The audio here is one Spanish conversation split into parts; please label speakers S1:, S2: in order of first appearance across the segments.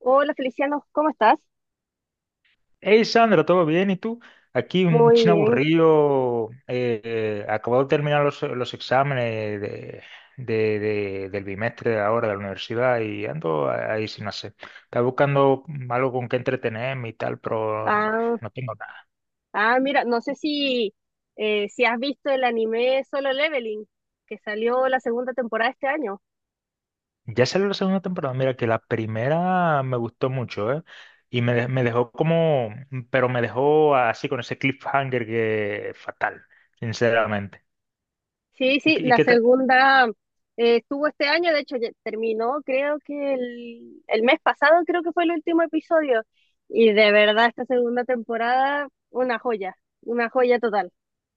S1: Hola Feliciano, ¿cómo estás?
S2: Hey Sandra, ¿todo bien? ¿Y tú? Aquí un
S1: Muy
S2: chino
S1: bien.
S2: aburrido, acabo de terminar los exámenes del bimestre de ahora de la universidad y ando ahí sin hacer. Estaba buscando algo con qué entretenerme y tal, pero no,
S1: Ah,
S2: no tengo nada.
S1: mira, no sé si, si has visto el anime Solo Leveling, que salió la segunda temporada este año.
S2: Ya salió la segunda temporada, mira que la primera me gustó mucho, ¿eh? Me dejó como, pero me dejó así con ese cliffhanger que fatal, sinceramente.
S1: Sí,
S2: ¿Y,
S1: sí,
S2: qué- y
S1: la
S2: qué te-
S1: segunda estuvo este año, de hecho ya terminó, creo que el mes pasado creo que fue el último episodio. Y de verdad esta segunda temporada, una joya total.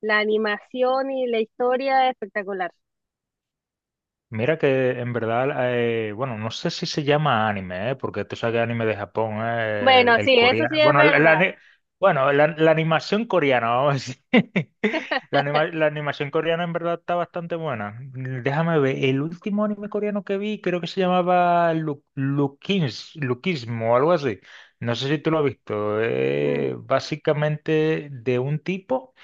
S1: La animación y la historia espectacular.
S2: Mira que en verdad, bueno, no sé si se llama anime, ¿eh? Porque tú sabes que anime de Japón, ¿eh?
S1: Bueno,
S2: El
S1: sí, eso
S2: coreano,
S1: sí es
S2: bueno,
S1: verdad.
S2: bueno, la animación coreana, vamos a decir. La animación coreana en verdad está bastante buena. Déjame ver, el último anime coreano que vi creo que se llamaba Lukins, Lukismo o algo así. No sé si tú lo has visto.
S1: Mm.
S2: Básicamente de un tipo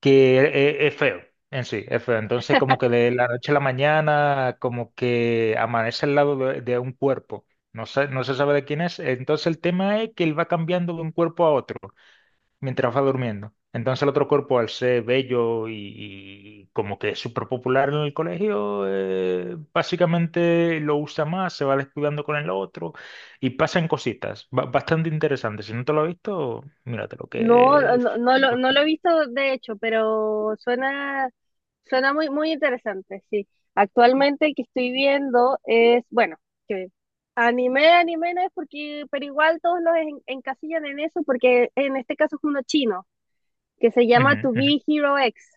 S2: que es, feo en sí, es feo. Entonces, como que de la noche a la mañana, como que amanece al lado de un cuerpo. No sé, no se sabe de quién es. Entonces, el tema es que él va cambiando de un cuerpo a otro mientras va durmiendo. Entonces, el otro cuerpo, al ser bello y como que es súper popular en el colegio, básicamente lo usa más, se va descuidando con el otro y pasan cositas bastante interesantes. Si no te lo has visto, míratelo
S1: No,
S2: que...
S1: no lo he visto de hecho, pero suena, suena muy, muy interesante, sí. Actualmente el que estoy viendo es, bueno, que anime no es porque, pero igual todos los encasillan en eso, porque en este caso es uno chino, que se llama
S2: Ujú,
S1: To
S2: ujú.
S1: Be Hero X.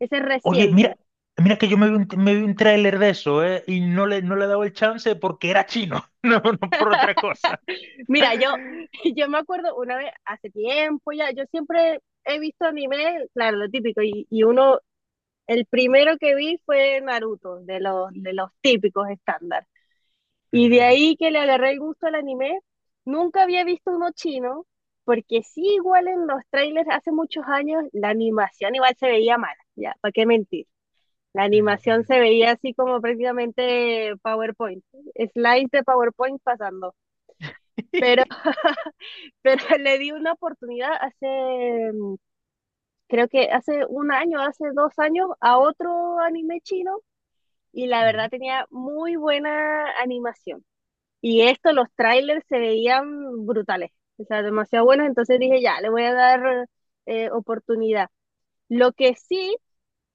S1: Ese es
S2: Oye,
S1: reciente.
S2: mira, mira que yo me vi un tráiler de eso, ¿eh? Y no le he dado el chance porque era chino, no, no por otra cosa.
S1: Mira, yo, yo me acuerdo una vez, hace tiempo ya, yo siempre he visto anime, claro, lo típico, y, y uno. El primero que vi fue Naruto, de los típicos estándar. Y de
S2: Ujú,
S1: ahí que le agarré el gusto al anime, nunca había visto uno chino, porque sí, igual en los trailers hace muchos años, la animación igual se veía mala, ya, ¿para qué mentir? La
S2: ujú, ujú,
S1: animación
S2: ujú.
S1: se veía así como prácticamente PowerPoint, slides de PowerPoint pasando. Pero, pero le di una oportunidad hace, creo que hace un año, hace dos años, a otro anime chino y la verdad
S2: Ujú.
S1: tenía muy buena animación. Y esto, los trailers se veían brutales, o sea, demasiado buenos, entonces dije, ya, le voy a dar oportunidad. Lo que sí,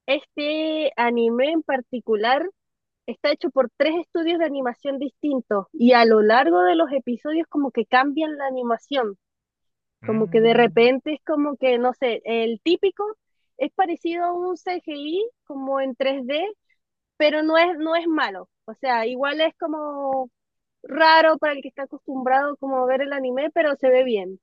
S1: este anime en particular está hecho por tres estudios de animación distintos y a lo largo de los episodios como que cambian la animación, como que de
S2: Mm,
S1: repente es como que, no sé, el típico es parecido a un CGI como en 3D pero no es, no es malo. O sea, igual es como raro para el que está acostumbrado como a ver el anime, pero se ve bien.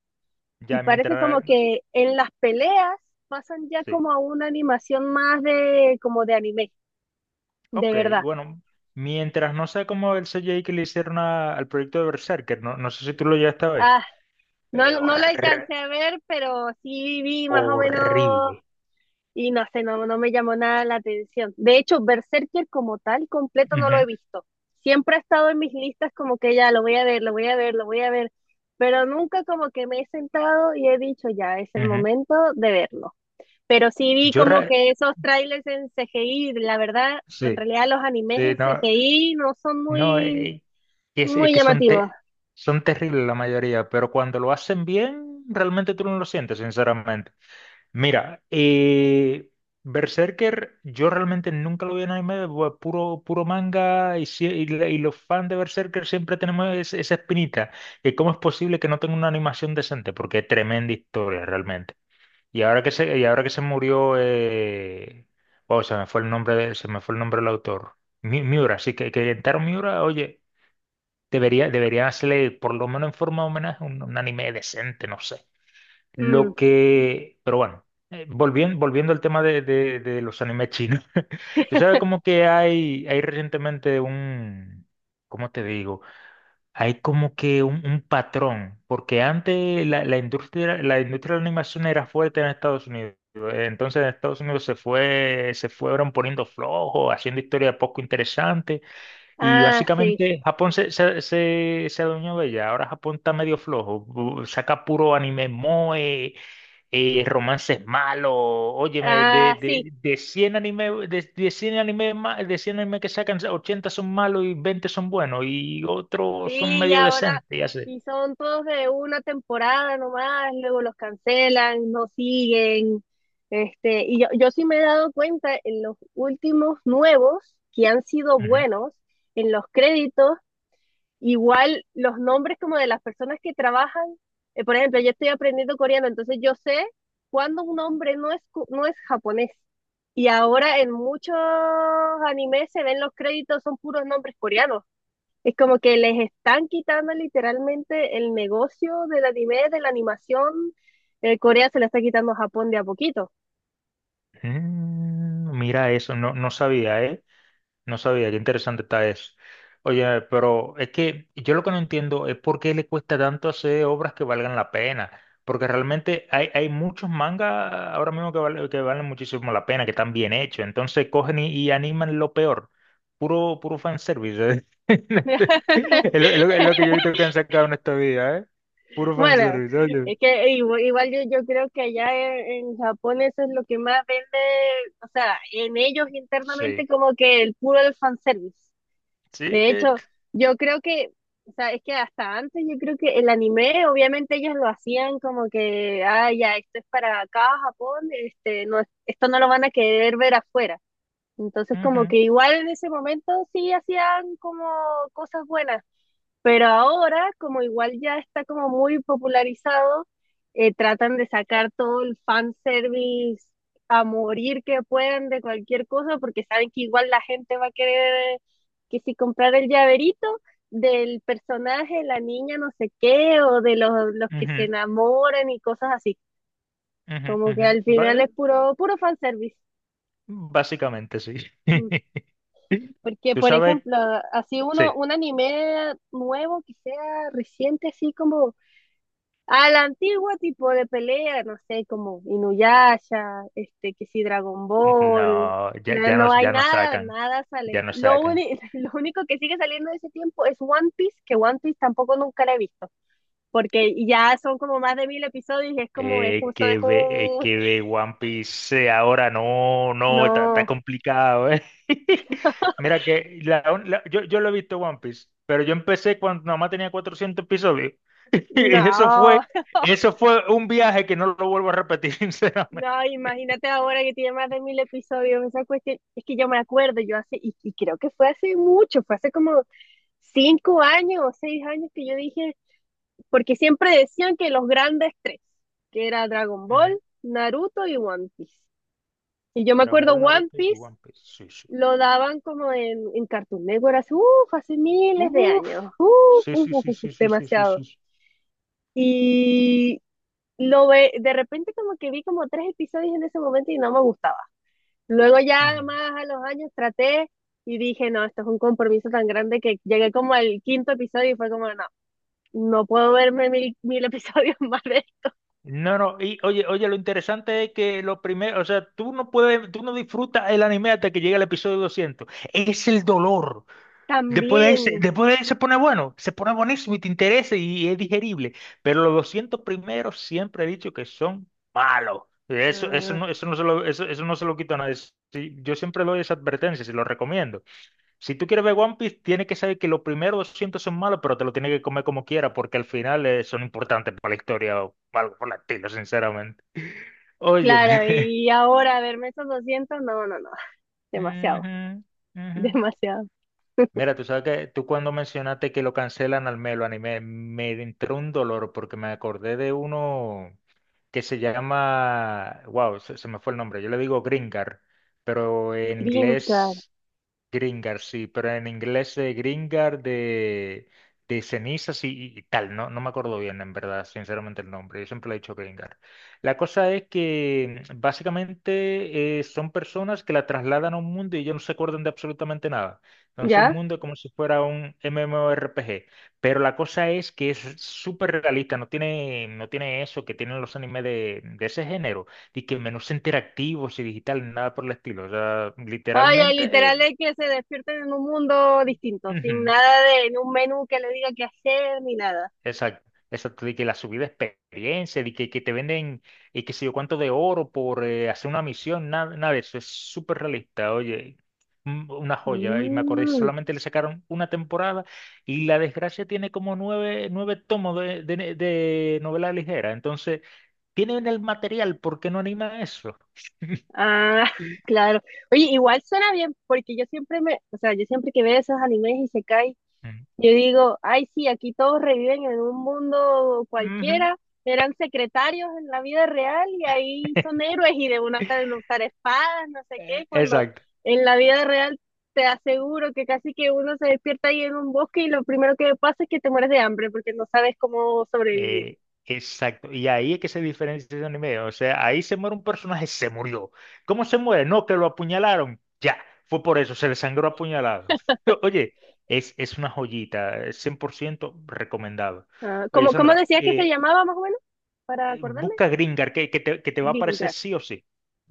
S1: Y
S2: ya
S1: parece como
S2: mientras...
S1: que en las peleas pasan ya
S2: Sí.
S1: como a una animación más de como de anime, de
S2: Ok,
S1: verdad.
S2: bueno. Mientras no sé cómo el CGI que le hicieron al proyecto de Berserker, no, no sé si tú lo llegaste a ver.
S1: Ah, no,
S2: Eh,
S1: no lo
S2: horr-
S1: alcancé a ver, pero sí vi más o menos.
S2: Horrible.
S1: Y no sé, no, no me llamó nada la atención. De hecho, Berserker como tal, completo no lo he
S2: Ujú,
S1: visto. Siempre ha estado en mis listas como que ya lo voy a ver, lo voy a ver, lo voy a ver, pero nunca como que me he sentado y he dicho ya, es el
S2: ujú.
S1: momento de verlo. Pero sí vi
S2: Yo...
S1: como
S2: re-
S1: que esos trailers en CGI, la verdad, en
S2: Sí,
S1: realidad los animes
S2: sí,
S1: en
S2: no.
S1: CGI no son
S2: No,
S1: muy,
S2: es
S1: muy
S2: que son,
S1: llamativos.
S2: te- son terribles la mayoría, pero cuando lo hacen bien, realmente tú no lo sientes, sinceramente. Mira, Berserker, yo realmente nunca lo vi en anime, puro manga, y los fans de Berserker siempre tenemos esa espinita, que cómo es posible que no tenga una animación decente, porque es tremenda historia realmente. Y ahora que se murió, wow, se me fue el nombre del autor. Miura, sí, que Kentaro Miura, oye. Debería hacerle, por lo menos en forma de homenaje, un anime decente, no sé. Lo
S1: Mm.
S2: que, pero bueno, volviendo al tema de los animes chinos. Tú sabes como que hay recientemente un, ¿cómo te digo? Hay como que un patrón, porque antes la industria de la animación era fuerte en Estados Unidos. Entonces en Estados Unidos se fueron poniendo flojos, haciendo historias poco interesantes. Y
S1: Ah, sí.
S2: básicamente Japón se adueñó de ella. Ahora Japón está medio flojo. Saca puro anime moe, romances malos. Óyeme,
S1: Ah, sí.
S2: de 100 anime, de 100 anime, de 100 anime que sacan, 80 son malos y 20 son buenos y otros son
S1: Sí, y
S2: medio
S1: ahora,
S2: decentes y así.
S1: y son todos de una temporada nomás, luego los cancelan, no siguen. Este, y yo sí me he dado cuenta en los últimos nuevos que han sido
S2: Ujú.
S1: buenos, en los créditos, igual los nombres como de las personas que trabajan. Por ejemplo, yo estoy aprendiendo coreano, entonces yo sé cuándo un nombre no es, no es japonés. Y ahora en muchos animes se ven los créditos, son puros nombres coreanos. Es como que les están quitando literalmente el negocio del anime, de la animación. Corea se la está quitando a Japón de a poquito.
S2: Mm, mira eso, no, no sabía, ¿eh? No sabía, qué interesante está eso. Oye, pero es que yo lo que no entiendo es por qué le cuesta tanto hacer obras que valgan la pena. Porque realmente hay, hay muchos mangas ahora mismo que valen muchísimo la pena, que están bien hechos. Entonces cogen y animan lo peor. Puro, puro fanservice. ¿Eh? Es lo, es es lo que yo he visto que han sacado en esta vida, ¿eh? Puro
S1: Bueno,
S2: fanservice, oye.
S1: es que igual, yo creo que allá en Japón eso es lo que más vende, o sea, en ellos internamente
S2: Sí,
S1: como que el puro del fanservice.
S2: sí.
S1: De hecho, yo creo que, o sea, es que hasta antes yo creo que el anime, obviamente ellos lo hacían como que, ah, ya, esto es para acá, Japón, este, no, esto no lo van a querer ver afuera. Entonces, como
S2: Ujú,
S1: que igual en ese momento sí hacían como cosas buenas, pero ahora, como igual ya está como muy popularizado, tratan de sacar todo el fanservice a morir que puedan de cualquier cosa, porque saben que igual la gente va a querer que si comprar el llaverito del personaje, la niña no sé qué, o de los que se
S2: ujú,
S1: enamoran y cosas así.
S2: ujú,
S1: Como que
S2: ujú.
S1: al final es puro, puro fanservice.
S2: Básicamente sí.
S1: Mm. Porque,
S2: Tú
S1: por
S2: sabes,
S1: ejemplo, así uno,
S2: sí,
S1: un anime nuevo que sea reciente, así como a la antigua tipo de pelea, no sé, como Inuyasha, este, que sí, Dragon Ball,
S2: no,
S1: no, no hay
S2: ya nos
S1: nada,
S2: sacan,
S1: nada sale.
S2: ya nos
S1: Lo,
S2: sacan.
S1: lo único que sigue saliendo de ese tiempo es One Piece, que One Piece tampoco nunca la he visto, porque ya son como más de 1000 episodios y es como, es justo, es un,
S2: Que ve One Piece ahora, no, no, está, está
S1: no,
S2: complicado, ¿eh? Mira que yo lo he visto One Piece, pero yo empecé cuando nada más tenía 400 episodios. Y
S1: no.
S2: eso fue un viaje que no lo vuelvo a repetir, sinceramente.
S1: No, imagínate ahora que tiene más de 1000 episodios. Esa cuestión, es que yo me acuerdo, yo hace, y creo que fue hace mucho, fue hace como 5 años o 6 años que yo dije, porque siempre decían que los grandes tres, que era Dragon
S2: Ujú.
S1: Ball, Naruto y One Piece. Y yo me
S2: Dragon
S1: acuerdo
S2: Ball,
S1: One
S2: Naruto y
S1: Piece
S2: One Piece, sí, sí.
S1: lo daban como en Cartoon Network hace, uf, hace miles de
S2: Uf,
S1: años, uf,
S2: sí,
S1: uf,
S2: sí,
S1: uf,
S2: sí,
S1: uf,
S2: sí,
S1: uf,
S2: sí, sí, sí,
S1: demasiado.
S2: sí. Sí.
S1: Y lo ve, de repente como que vi como tres episodios en ese momento y no me gustaba. Luego ya
S2: Ujú.
S1: más a los años traté y dije, no, esto es un compromiso tan grande que llegué como al quinto episodio y fue como, no, no puedo verme mil episodios más de esto.
S2: No, no, y oye, oye, lo interesante es que lo primero, o sea, tú no puedes, tú no disfrutas el anime hasta que llega el episodio 200. Es el dolor. Después de ese,
S1: También,
S2: después de ahí se pone bueno, se pone buenísimo y te interesa y es digerible. Pero los 200 primeros siempre he dicho que son malos.
S1: ah,
S2: Eso, no se lo, eso no se lo quito a nadie. Sí, yo siempre doy esa advertencia y lo recomiendo. Si tú quieres ver One Piece, tienes que saber que los primeros 200 son malos, pero te lo tienes que comer como quiera, porque al final son importantes para la historia o algo por el estilo, sinceramente. Óyeme.
S1: claro, y ahora verme esos 200 no, no, no, demasiado,
S2: Ujú, ujú.
S1: demasiado.
S2: Mira, tú sabes que tú cuando mencionaste que lo cancelan al Melo anime, me entró un dolor porque me acordé de uno que se llama, wow, se me fue el nombre, yo le digo Gringar, pero en
S1: Crincar,
S2: inglés Gringar, sí, pero en inglés de Gringar de cenizas y tal, no, no me acuerdo bien en verdad, sinceramente el nombre, yo siempre le he dicho Gringar. La cosa es que mm, básicamente son personas que la trasladan a un mundo y ellos no se acuerdan de absolutamente nada. Entonces el
S1: ¿ya?
S2: mundo es como si fuera un MMORPG, pero la cosa es que es súper realista, no tiene, no tiene eso que tienen los animes de ese género, y que menús interactivos y digitales, nada por el estilo, o sea,
S1: Ay, ay, literal
S2: literalmente...
S1: es que se despierten en un mundo distinto, sin
S2: Ujú,
S1: nada de, en un menú que le diga qué hacer ni nada.
S2: exacto, exacto, de que la subida de experiencia, que te venden y que sé yo cuánto de oro por hacer una misión, nada, nada de eso, es súper realista, oye, una joya, y me acordé,
S1: Mm.
S2: solamente le sacaron una temporada y La Desgracia tiene como 9, 9 tomos de novela ligera, entonces, tienen el material, ¿por qué no anima eso?
S1: Ah, claro. Oye, igual suena bien, porque yo siempre me, o sea, yo siempre que veo esos animes y se cae,
S2: Ujú,
S1: yo digo, ay, sí, aquí todos reviven en un mundo
S2: ujú,
S1: cualquiera, eran secretarios en la vida real y ahí son héroes y de una saben usar espadas, no sé qué, cuando
S2: exacto.
S1: en la vida real te aseguro que casi que uno se despierta ahí en un bosque y lo primero que pasa es que te mueres de hambre porque no sabes cómo sobrevivir.
S2: Eh, exacto. Y ahí es que se diferencia ese anime. O sea, ahí se muere un personaje, se murió. ¿Cómo se muere? No, que lo apuñalaron. Ya, fue por eso, se le sangró apuñalado. Oye, es una joyita, 100% recomendado.
S1: Ah,
S2: Oye,
S1: ¿cómo, cómo
S2: Sandra,
S1: decías que se llamaba más o menos? Para acordarme.
S2: busca Gringar, que te va a aparecer sí o sí.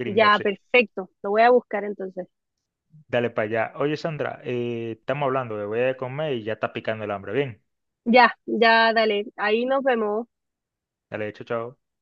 S2: Gringar,
S1: Ya,
S2: sí.
S1: perfecto. Lo voy a buscar entonces.
S2: Dale para allá. Oye, Sandra, estamos hablando, me voy a comer y ya está picando el hambre. Bien,
S1: Ya, ya, dale. Ahí nos vemos.
S2: dale, chao, chao.